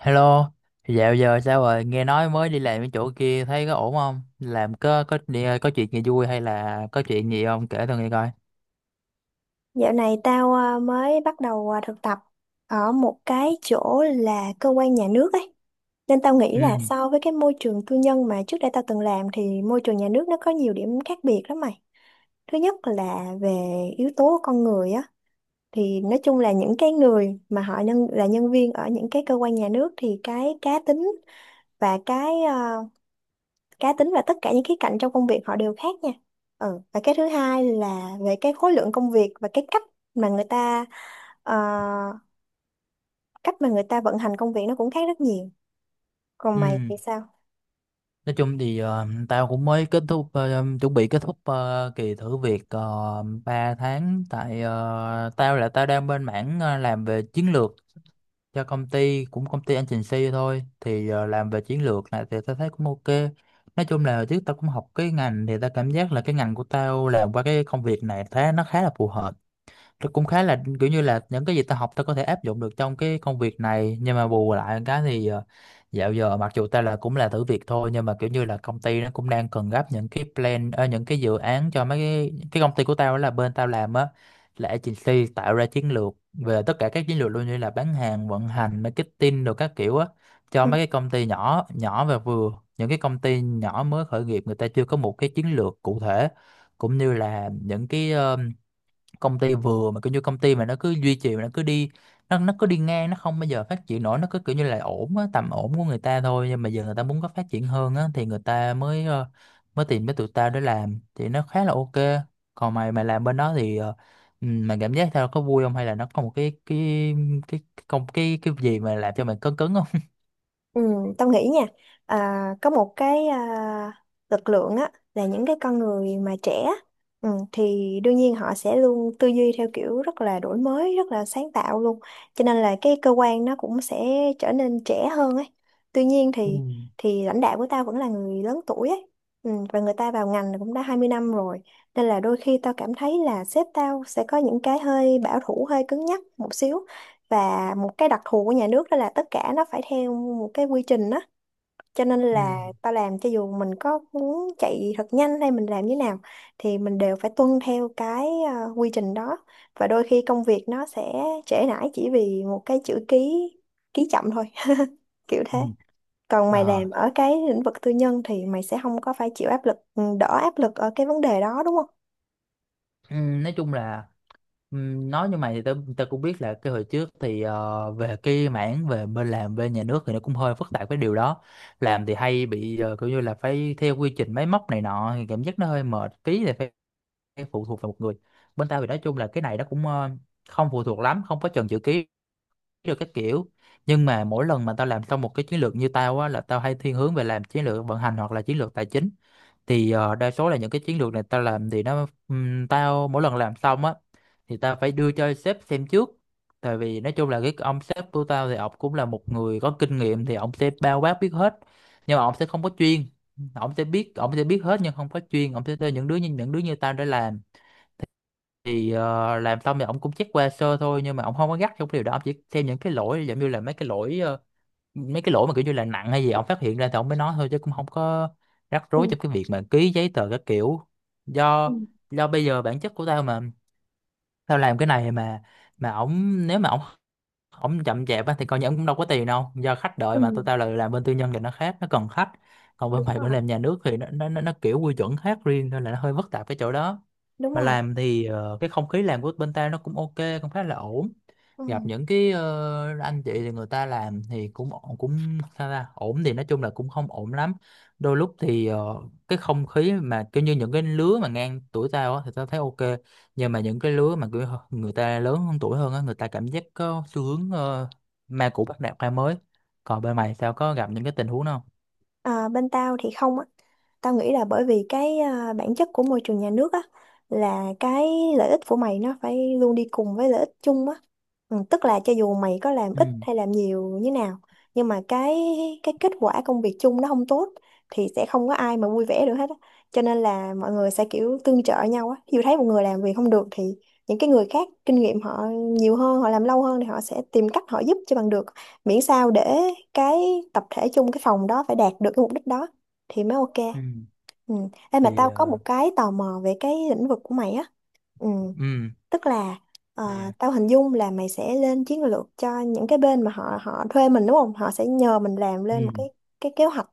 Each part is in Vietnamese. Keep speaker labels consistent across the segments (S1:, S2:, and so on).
S1: Hello, dạo giờ sao rồi? Nghe nói mới đi làm cái chỗ kia thấy có ổn không? Làm có đi- có chuyện gì vui hay là có chuyện gì không? Kể tao nghe coi.
S2: Dạo này tao mới bắt đầu thực tập ở một cái chỗ là cơ quan nhà nước ấy. Nên tao nghĩ là
S1: Ừ,
S2: so với cái môi trường tư nhân mà trước đây tao từng làm thì môi trường nhà nước nó có nhiều điểm khác biệt lắm mày. Thứ nhất là về yếu tố con người á, thì nói chung là những cái người mà họ nhân là nhân viên ở những cái cơ quan nhà nước thì cái cá tính và cái à, cá tính và tất cả những khía cạnh trong công việc họ đều khác nha. Ừ. Và cái thứ hai là về cái khối lượng công việc và cái cách mà người ta ờ, cách mà người ta vận hành công việc nó cũng khác rất nhiều. Còn mày
S1: ừ.
S2: thì sao?
S1: Nói chung thì tao cũng mới kết thúc chuẩn bị kết thúc kỳ thử việc 3 tháng tại tao là tao đang bên mảng làm về chiến lược cho công ty cũng công ty anh trình agency thôi thì làm về chiến lược này thì tao thấy cũng ok. Nói chung là trước tao cũng học cái ngành thì tao cảm giác là cái ngành của tao làm qua cái công việc này thấy nó khá là phù hợp, nó cũng khá là kiểu như là những cái gì ta học ta có thể áp dụng được trong cái công việc này, nhưng mà bù lại cái thì dạo giờ mặc dù ta là cũng là thử việc thôi nhưng mà kiểu như là công ty nó cũng đang cần gấp những cái plan, những cái dự án cho mấy cái công ty của tao đó, là bên tao làm á là agency tạo ra chiến lược, về tất cả các chiến lược luôn, như là bán hàng, vận hành, marketing rồi các kiểu á, cho
S2: Ừ.
S1: mấy cái công ty nhỏ nhỏ và vừa, những cái công ty nhỏ mới khởi nghiệp người ta chưa có một cái chiến lược cụ thể, cũng như là những cái công ty vừa mà kiểu như công ty mà nó cứ duy trì mà nó cứ đi, nó cứ đi ngang, nó không bao giờ phát triển nổi, nó cứ kiểu như là ổn á, tầm ổn của người ta thôi, nhưng mà giờ người ta muốn có phát triển hơn á thì người ta mới mới tìm tới tụi tao để làm thì nó khá là ok. Còn mày mày làm bên đó thì ừ, mày cảm giác tao có vui không, hay là nó có một cái cái công cái gì mà làm cho mày cứng cứng không?
S2: Ừ, tao nghĩ nha, có một lực lượng á là những cái con người mà trẻ á, ừ, thì đương nhiên họ sẽ luôn tư duy theo kiểu rất là đổi mới, rất là sáng tạo luôn, cho nên là cái cơ quan nó cũng sẽ trở nên trẻ hơn ấy. Tuy nhiên
S1: Ừ,
S2: thì lãnh đạo của tao vẫn là người lớn tuổi ấy, ừ, và người ta vào ngành cũng đã 20 năm rồi, nên là đôi khi tao cảm thấy là sếp tao sẽ có những cái hơi bảo thủ, hơi cứng nhắc một xíu. Và một cái đặc thù của nhà nước đó là tất cả nó phải theo một cái quy trình đó, cho nên
S1: ừ.
S2: là ta làm cho dù mình có muốn chạy thật nhanh hay mình làm như nào thì mình đều phải tuân theo cái quy trình đó, và đôi khi công việc nó sẽ trễ nải chỉ vì một cái chữ ký, ký chậm thôi. Kiểu thế.
S1: Ừ.
S2: Còn mày làm
S1: Ờ.
S2: ở cái lĩnh vực tư nhân thì mày sẽ không có phải chịu áp lực, đỡ áp lực ở cái vấn đề đó đúng không?
S1: Ừ, nói chung là nói như mày thì tao tao cũng biết là cái hồi trước thì về cái mảng về bên làm bên nhà nước thì nó cũng hơi phức tạp cái điều đó. Làm thì hay bị kiểu như là phải theo quy trình máy móc này nọ thì cảm giác nó hơi mệt tí thì phải, phải phụ thuộc vào một người. Bên tao thì nói chung là cái này nó cũng không phụ thuộc lắm, không có chần chữ ký được các kiểu. Nhưng mà mỗi lần mà tao làm xong một cái chiến lược như tao á, là tao hay thiên hướng về làm chiến lược vận hành hoặc là chiến lược tài chính, thì đa số là những cái chiến lược này tao làm thì nó, tao mỗi lần làm xong á thì tao phải đưa cho sếp xem trước, tại vì nói chung là cái ông sếp của tao thì ông cũng là một người có kinh nghiệm thì ông sẽ bao quát biết hết, nhưng mà ông sẽ không có chuyên. Ông sẽ biết, ông sẽ biết hết nhưng không có chuyên, ông sẽ cho những đứa như tao để làm. Thì làm xong thì ông cũng check qua sơ thôi, nhưng mà ông không có gắt trong cái điều đó, ông chỉ xem những cái lỗi giống như là mấy cái lỗi mấy cái lỗi mà kiểu như là nặng hay gì ông phát hiện ra thì ông mới nói thôi, chứ cũng không có rắc rối
S2: Ừ,
S1: trong cái việc mà ký giấy tờ các kiểu.
S2: ừ,
S1: Do do bây giờ bản chất của tao mà, tao làm cái này mà ổng nếu mà ổng, ổng chậm chạp á thì coi như ổng cũng đâu có tiền đâu, do khách
S2: ừ,
S1: đợi mà. Tụi tao là làm bên tư nhân thì nó khác, nó cần khách, còn bên
S2: đúng
S1: phải bên
S2: rồi,
S1: làm nhà nước thì nó kiểu quy chuẩn khác riêng nên là nó hơi phức tạp cái chỗ đó.
S2: đúng
S1: Mà
S2: rồi,
S1: làm thì cái không khí làm của bên tao nó cũng ok, cũng khá là ổn. Gặp
S2: ừ.
S1: những cái anh chị thì người ta làm thì cũng ổn- cũng sao ta, ổn thì nói chung là cũng không ổn lắm. Đôi lúc thì cái không khí mà kiểu như những cái lứa mà ngang tuổi tao á thì tao thấy ok, nhưng mà những cái lứa mà kiểu người ta lớn hơn tuổi hơn á, người ta cảm giác có xu hướng ma cũ bắt nạt ma mới. Còn bên mày sao, có gặp những cái tình huống đó không?
S2: À, bên tao thì không á. Tao nghĩ là bởi vì bản chất của môi trường nhà nước á là cái lợi ích của mày nó phải luôn đi cùng với lợi ích chung á. Ừ, tức là cho dù mày có làm ít
S1: Ừ,
S2: hay làm nhiều như nào nhưng mà cái kết quả công việc chung nó không tốt thì sẽ không có ai mà vui vẻ được hết á. Cho nên là mọi người sẽ kiểu tương trợ nhau á. Ví dụ thấy một người làm việc không được thì những cái người khác kinh nghiệm họ nhiều hơn, họ làm lâu hơn thì họ sẽ tìm cách họ giúp cho bằng được, miễn sao để cái tập thể chung, cái phòng đó phải đạt được cái mục đích đó thì mới ok.
S1: ừ
S2: Ừ. Ê, mà
S1: thì
S2: tao có một cái tò mò về cái lĩnh vực của mày á, ừ,
S1: ừ
S2: tức là, ờ,
S1: thì
S2: tao hình dung là mày sẽ lên chiến lược cho những cái bên mà họ họ thuê mình đúng không, họ sẽ nhờ mình làm
S1: ừ,
S2: lên một cái kế hoạch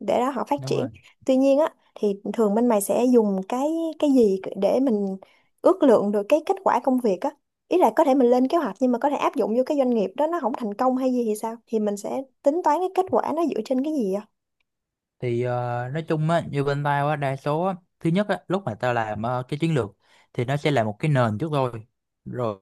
S2: để đó họ phát
S1: đúng
S2: triển.
S1: rồi.
S2: Tuy nhiên á thì thường bên mày sẽ dùng cái gì để mình ước lượng được cái kết quả công việc á? Ý là có thể mình lên kế hoạch nhưng mà có thể áp dụng vô cái doanh nghiệp đó nó không thành công hay gì thì sao, thì mình sẽ tính toán cái kết quả nó dựa trên cái gì á?
S1: Thì nói chung á như bên tao á, đa số á, thứ nhất á lúc mà tao làm cái chiến lược thì nó sẽ là một cái nền trước rồi, rồi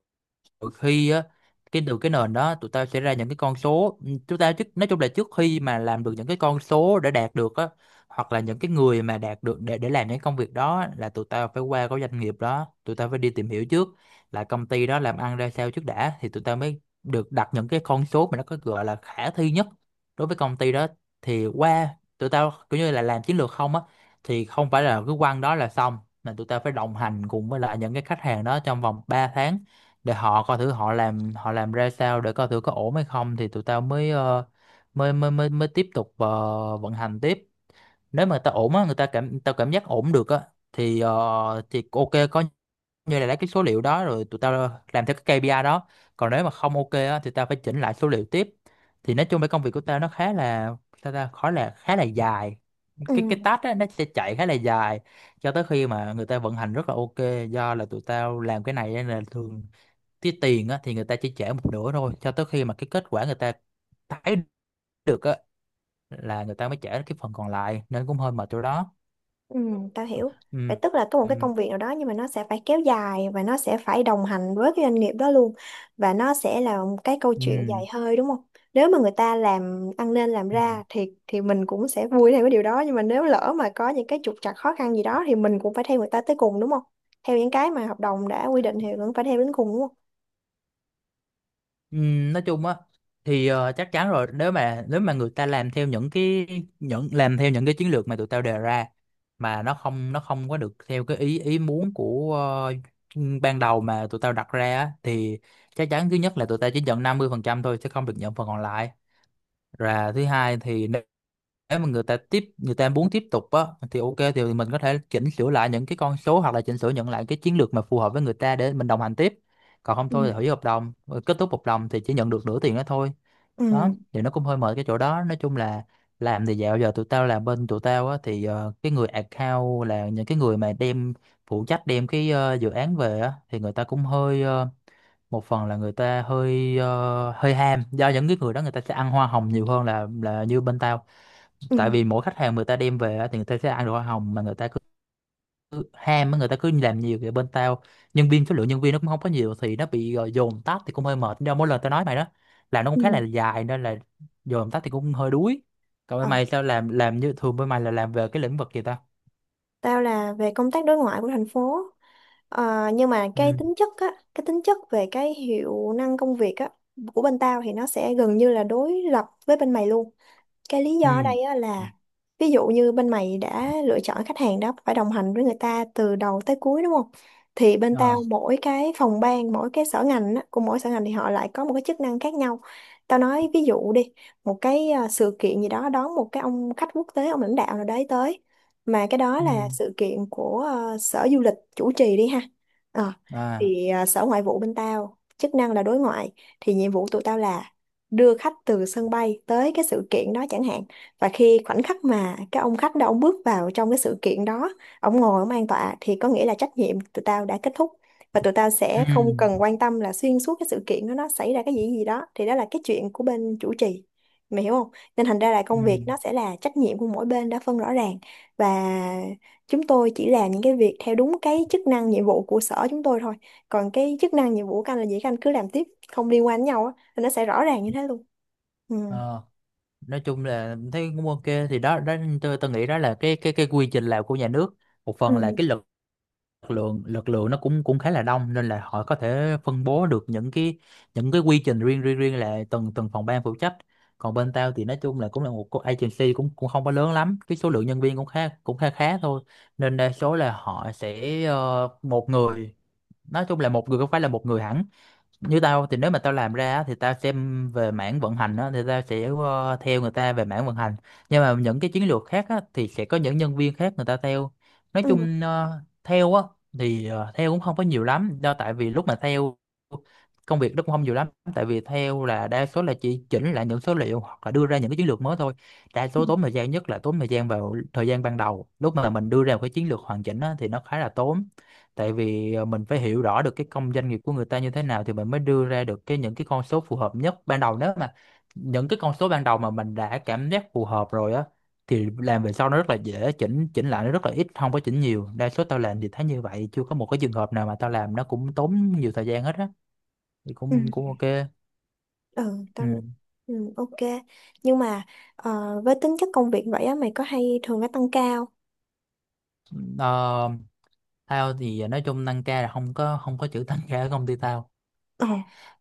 S1: đôi khi á cái từ cái nền đó tụi tao sẽ ra những cái con số. Ừ, chúng ta trước, nói chung là trước khi mà làm được những cái con số để đạt được á, hoặc là những cái người mà đạt được để làm những công việc đó á, là tụi tao phải qua cái doanh nghiệp đó, tụi tao phải đi tìm hiểu trước là công ty đó làm ăn ra sao trước đã, thì tụi tao mới được đặt những cái con số mà nó có gọi là khả thi nhất đối với công ty đó. Thì qua, tụi tao kiểu như là làm chiến lược không á thì không phải là cứ quăng đó là xong, mà tụi tao phải đồng hành cùng với lại những cái khách hàng đó trong vòng 3 tháng, để họ coi thử họ làm, họ làm ra sao để coi thử có ổn hay không, thì tụi tao mới mới mới mới mới tiếp tục vận hành tiếp. Nếu mà người ta ổn á, người ta cảm tao cảm giác ổn được á thì thì ok, có như là lấy cái số liệu đó rồi tụi tao làm theo cái KPI đó. Còn nếu mà không ok á thì tao phải chỉnh lại số liệu tiếp. Thì nói chung cái công việc của tao nó khá là, sao ta, khá là, khá là dài. Cái
S2: Ừ.
S1: task á nó sẽ chạy khá là dài, cho tới khi mà người ta vận hành rất là ok. Do là tụi tao làm cái này nên là thường cái tiền á, thì người ta chỉ trả một nửa thôi, cho tới khi mà cái kết quả người ta thấy được á là người ta mới trả cái phần còn lại, nên cũng hơi mệt chỗ đó.
S2: Ừ, tao hiểu. Vậy
S1: Ừ.
S2: tức là có một cái
S1: Ừ.
S2: công việc nào đó nhưng mà nó sẽ phải kéo dài và nó sẽ phải đồng hành với cái doanh nghiệp đó luôn, và nó sẽ là một cái câu chuyện
S1: Ừ.
S2: dài hơi đúng không? Nếu mà người ta làm ăn nên làm
S1: Ừ.
S2: ra thì mình cũng sẽ vui theo cái điều đó, nhưng mà nếu lỡ mà có những cái trục trặc khó khăn gì đó thì mình cũng phải theo người ta tới cùng đúng không? Theo những cái mà hợp đồng đã quy định thì cũng phải theo đến cùng đúng không?
S1: Ừ. Nói chung á thì chắc chắn rồi, nếu mà người ta làm theo những cái, những làm theo những cái chiến lược mà tụi tao đề ra, mà nó không, nó không có được theo cái ý ý muốn của ban đầu mà tụi tao đặt ra á, thì chắc chắn thứ nhất là tụi tao chỉ nhận 50% thôi, sẽ không được nhận phần còn lại. Và thứ hai thì nếu mà người ta tiếp, người ta muốn tiếp tục á thì ok, thì mình có thể chỉnh sửa lại những cái con số, hoặc là chỉnh sửa nhận lại cái chiến lược mà phù hợp với người ta để mình đồng hành tiếp. Còn không
S2: Ừ.
S1: thôi thì hủy hợp đồng, rồi kết thúc hợp đồng thì chỉ nhận được nửa tiền đó thôi. Đó,
S2: Ừ.
S1: thì nó cũng hơi mệt cái chỗ đó. Nói chung là làm thì dạo giờ tụi tao làm, bên tụi tao á thì cái người account là những cái người mà đem phụ trách đem cái dự án về á, thì người ta cũng hơi một phần là người ta hơi hơi ham, do những cái người đó người ta sẽ ăn hoa hồng nhiều hơn là như bên tao. Tại vì mỗi khách hàng người ta đem về á, thì người ta sẽ ăn được hoa hồng, mà người ta cứ ham á, người ta cứ làm nhiều. Vậy bên tao nhân viên, số lượng nhân viên nó cũng không có nhiều, thì nó bị dồn tắt thì cũng hơi mệt, do mỗi lần tao nói mày đó, làm nó cũng khá là
S2: Ừ.
S1: dài nên là dồn tắt thì cũng hơi đuối. Còn bên
S2: Ừ.
S1: mày sao, làm như thường bên mày là làm về cái lĩnh vực gì ta?
S2: Tao là về công tác đối ngoại của thành phố. Ờ, nhưng mà cái
S1: Ừ,
S2: tính chất á, cái tính chất về cái hiệu năng công việc á của bên tao thì nó sẽ gần như là đối lập với bên mày luôn. Cái lý do ở
S1: ừ.
S2: đây á là ví dụ như bên mày đã lựa chọn khách hàng đó phải đồng hành với người ta từ đầu tới cuối đúng không, thì bên tao
S1: Ờ.
S2: mỗi cái phòng ban, mỗi cái sở ngành á, của mỗi sở ngành thì họ lại có một cái chức năng khác nhau. Tao nói ví dụ đi, một cái sự kiện gì đó, đón một cái ông khách quốc tế, ông lãnh đạo nào đấy tới, mà cái đó
S1: Ừ.
S2: là sự kiện của sở du lịch chủ trì đi ha. Ờ,
S1: À.
S2: thì sở ngoại vụ bên tao chức năng là đối ngoại, thì nhiệm vụ tụi tao là đưa khách từ sân bay tới cái sự kiện đó chẳng hạn, và khi khoảnh khắc mà cái ông khách đó ông bước vào trong cái sự kiện đó, ông ngồi ông an tọa thì có nghĩa là trách nhiệm tụi tao đã kết thúc, và tụi tao sẽ
S1: Ừ,
S2: không cần quan tâm là xuyên suốt cái sự kiện đó nó xảy ra cái gì gì đó, thì đó là cái chuyện của bên chủ trì, mày hiểu không. Nên thành ra là
S1: ừ.
S2: công việc nó sẽ là trách nhiệm của mỗi bên đã phân rõ ràng, và chúng tôi chỉ làm những cái việc theo đúng cái chức năng nhiệm vụ của sở chúng tôi thôi, còn cái chức năng nhiệm vụ của anh là gì các anh cứ làm tiếp, không liên quan đến nhau á, thì nó sẽ rõ ràng như thế luôn. Ừ,
S1: Ờ. Nói chung là thấy cũng ok. Thì đó đó, tôi nghĩ đó là cái quy trình làm của nhà nước. Một phần là
S2: ừ,
S1: cái lực lượng nó cũng cũng khá là đông nên là họ có thể phân bố được những cái quy trình riêng riêng riêng là từng từng phòng ban phụ trách. Còn bên tao thì nói chung là cũng là một cái agency cũng cũng không có lớn lắm, cái số lượng nhân viên cũng khá, khá thôi. Nên đa số là họ sẽ một người, nói chung là một người, không phải là một người hẳn. Như tao thì nếu mà tao làm ra á, thì tao xem về mảng vận hành á, thì tao sẽ theo người ta về mảng vận hành. Nhưng mà những cái chiến lược khác á, thì sẽ có những nhân viên khác người ta theo. Nói
S2: ừ,
S1: chung theo á, thì theo cũng không có nhiều lắm, do tại vì lúc mà theo công việc nó cũng không nhiều lắm. Tại vì theo là đa số là chỉ chỉnh lại những số liệu hoặc là đưa ra những cái chiến lược mới thôi. Đa
S2: ừ,
S1: số tốn thời gian nhất là tốn thời gian vào thời gian ban đầu, lúc mà mình đưa ra một cái chiến lược hoàn chỉnh á, thì nó khá là tốn. Tại vì mình phải hiểu rõ được cái công doanh nghiệp của người ta như thế nào thì mình mới đưa ra được những cái con số phù hợp nhất ban đầu. Nếu mà những cái con số ban đầu mà mình đã cảm giác phù hợp rồi á, thì làm về sau nó rất là dễ chỉnh, chỉnh lại nó rất là ít, không có chỉnh nhiều. Đa số tao làm thì thấy như vậy, chưa có một cái trường hợp nào mà tao làm nó cũng tốn nhiều thời gian hết á. Thì
S2: ừ,
S1: cũng cũng ok.
S2: ừ,
S1: Ừ.
S2: tao, ừ, ok, nhưng mà, với tính chất công việc vậy á mày có hay thường phải tăng ca không?
S1: Ờ, tao thì nói chung tăng ca là không có, không có chữ tăng ca ở công ty tao.
S2: Ờ.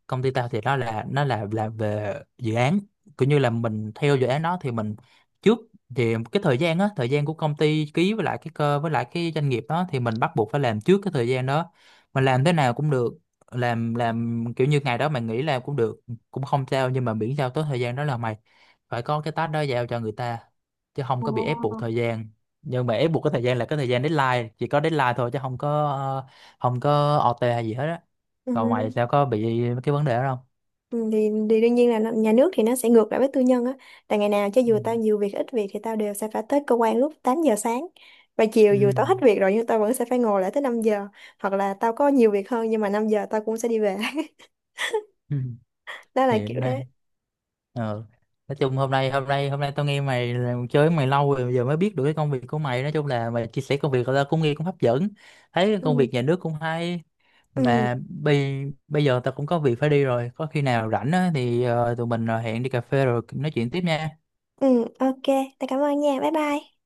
S1: Công ty tao thì nó là về dự án, cũng như là mình theo dự án đó thì mình trước, thì cái thời gian á, thời gian của công ty ký với lại cái cơ với lại cái doanh nghiệp đó, thì mình bắt buộc phải làm trước cái thời gian đó. Mình làm thế nào cũng được, làm kiểu như ngày đó mày nghỉ làm cũng được, cũng không sao, nhưng mà miễn sao tới thời gian đó là mày phải có cái task đó giao cho người ta, chứ không
S2: Ờ.
S1: có bị ép buộc thời gian. Nhưng mà ép buộc cái thời gian là cái thời gian deadline, chỉ có deadline thôi, chứ không có không có OT hay gì hết á.
S2: Ừ.
S1: Còn mày sao, có bị cái vấn đề đó không?
S2: Ừ, thì, đương nhiên là nó- nhà nước thì nó sẽ ngược lại với tư nhân á, tại ngày nào cho dù tao nhiều việc ít việc thì tao đều sẽ phải tới cơ quan lúc 8 giờ sáng, và chiều
S1: Ừ.
S2: dù tao hết việc rồi nhưng tao vẫn sẽ phải ngồi lại tới 5 giờ, hoặc là tao có nhiều việc hơn nhưng mà 5 giờ tao cũng sẽ đi về.
S1: Ừ. Ừ.
S2: Đó là kiểu
S1: Hiện đây
S2: thế.
S1: ờ nói chung hôm nay, hôm nay tao nghe mày là- chơi với mày lâu rồi giờ mới biết được cái công việc của mày. Nói chung là mày chia sẻ công việc tao cũng nghe cũng hấp dẫn, thấy cái công
S2: Ừ.
S1: việc nhà nước cũng hay.
S2: Ừ.
S1: Mà bây bây giờ tao cũng có việc phải đi rồi, có khi nào rảnh á, thì tụi mình hẹn đi cà phê rồi nói chuyện tiếp nha.
S2: Ừ, ok, tao cảm ơn nha, bye bye.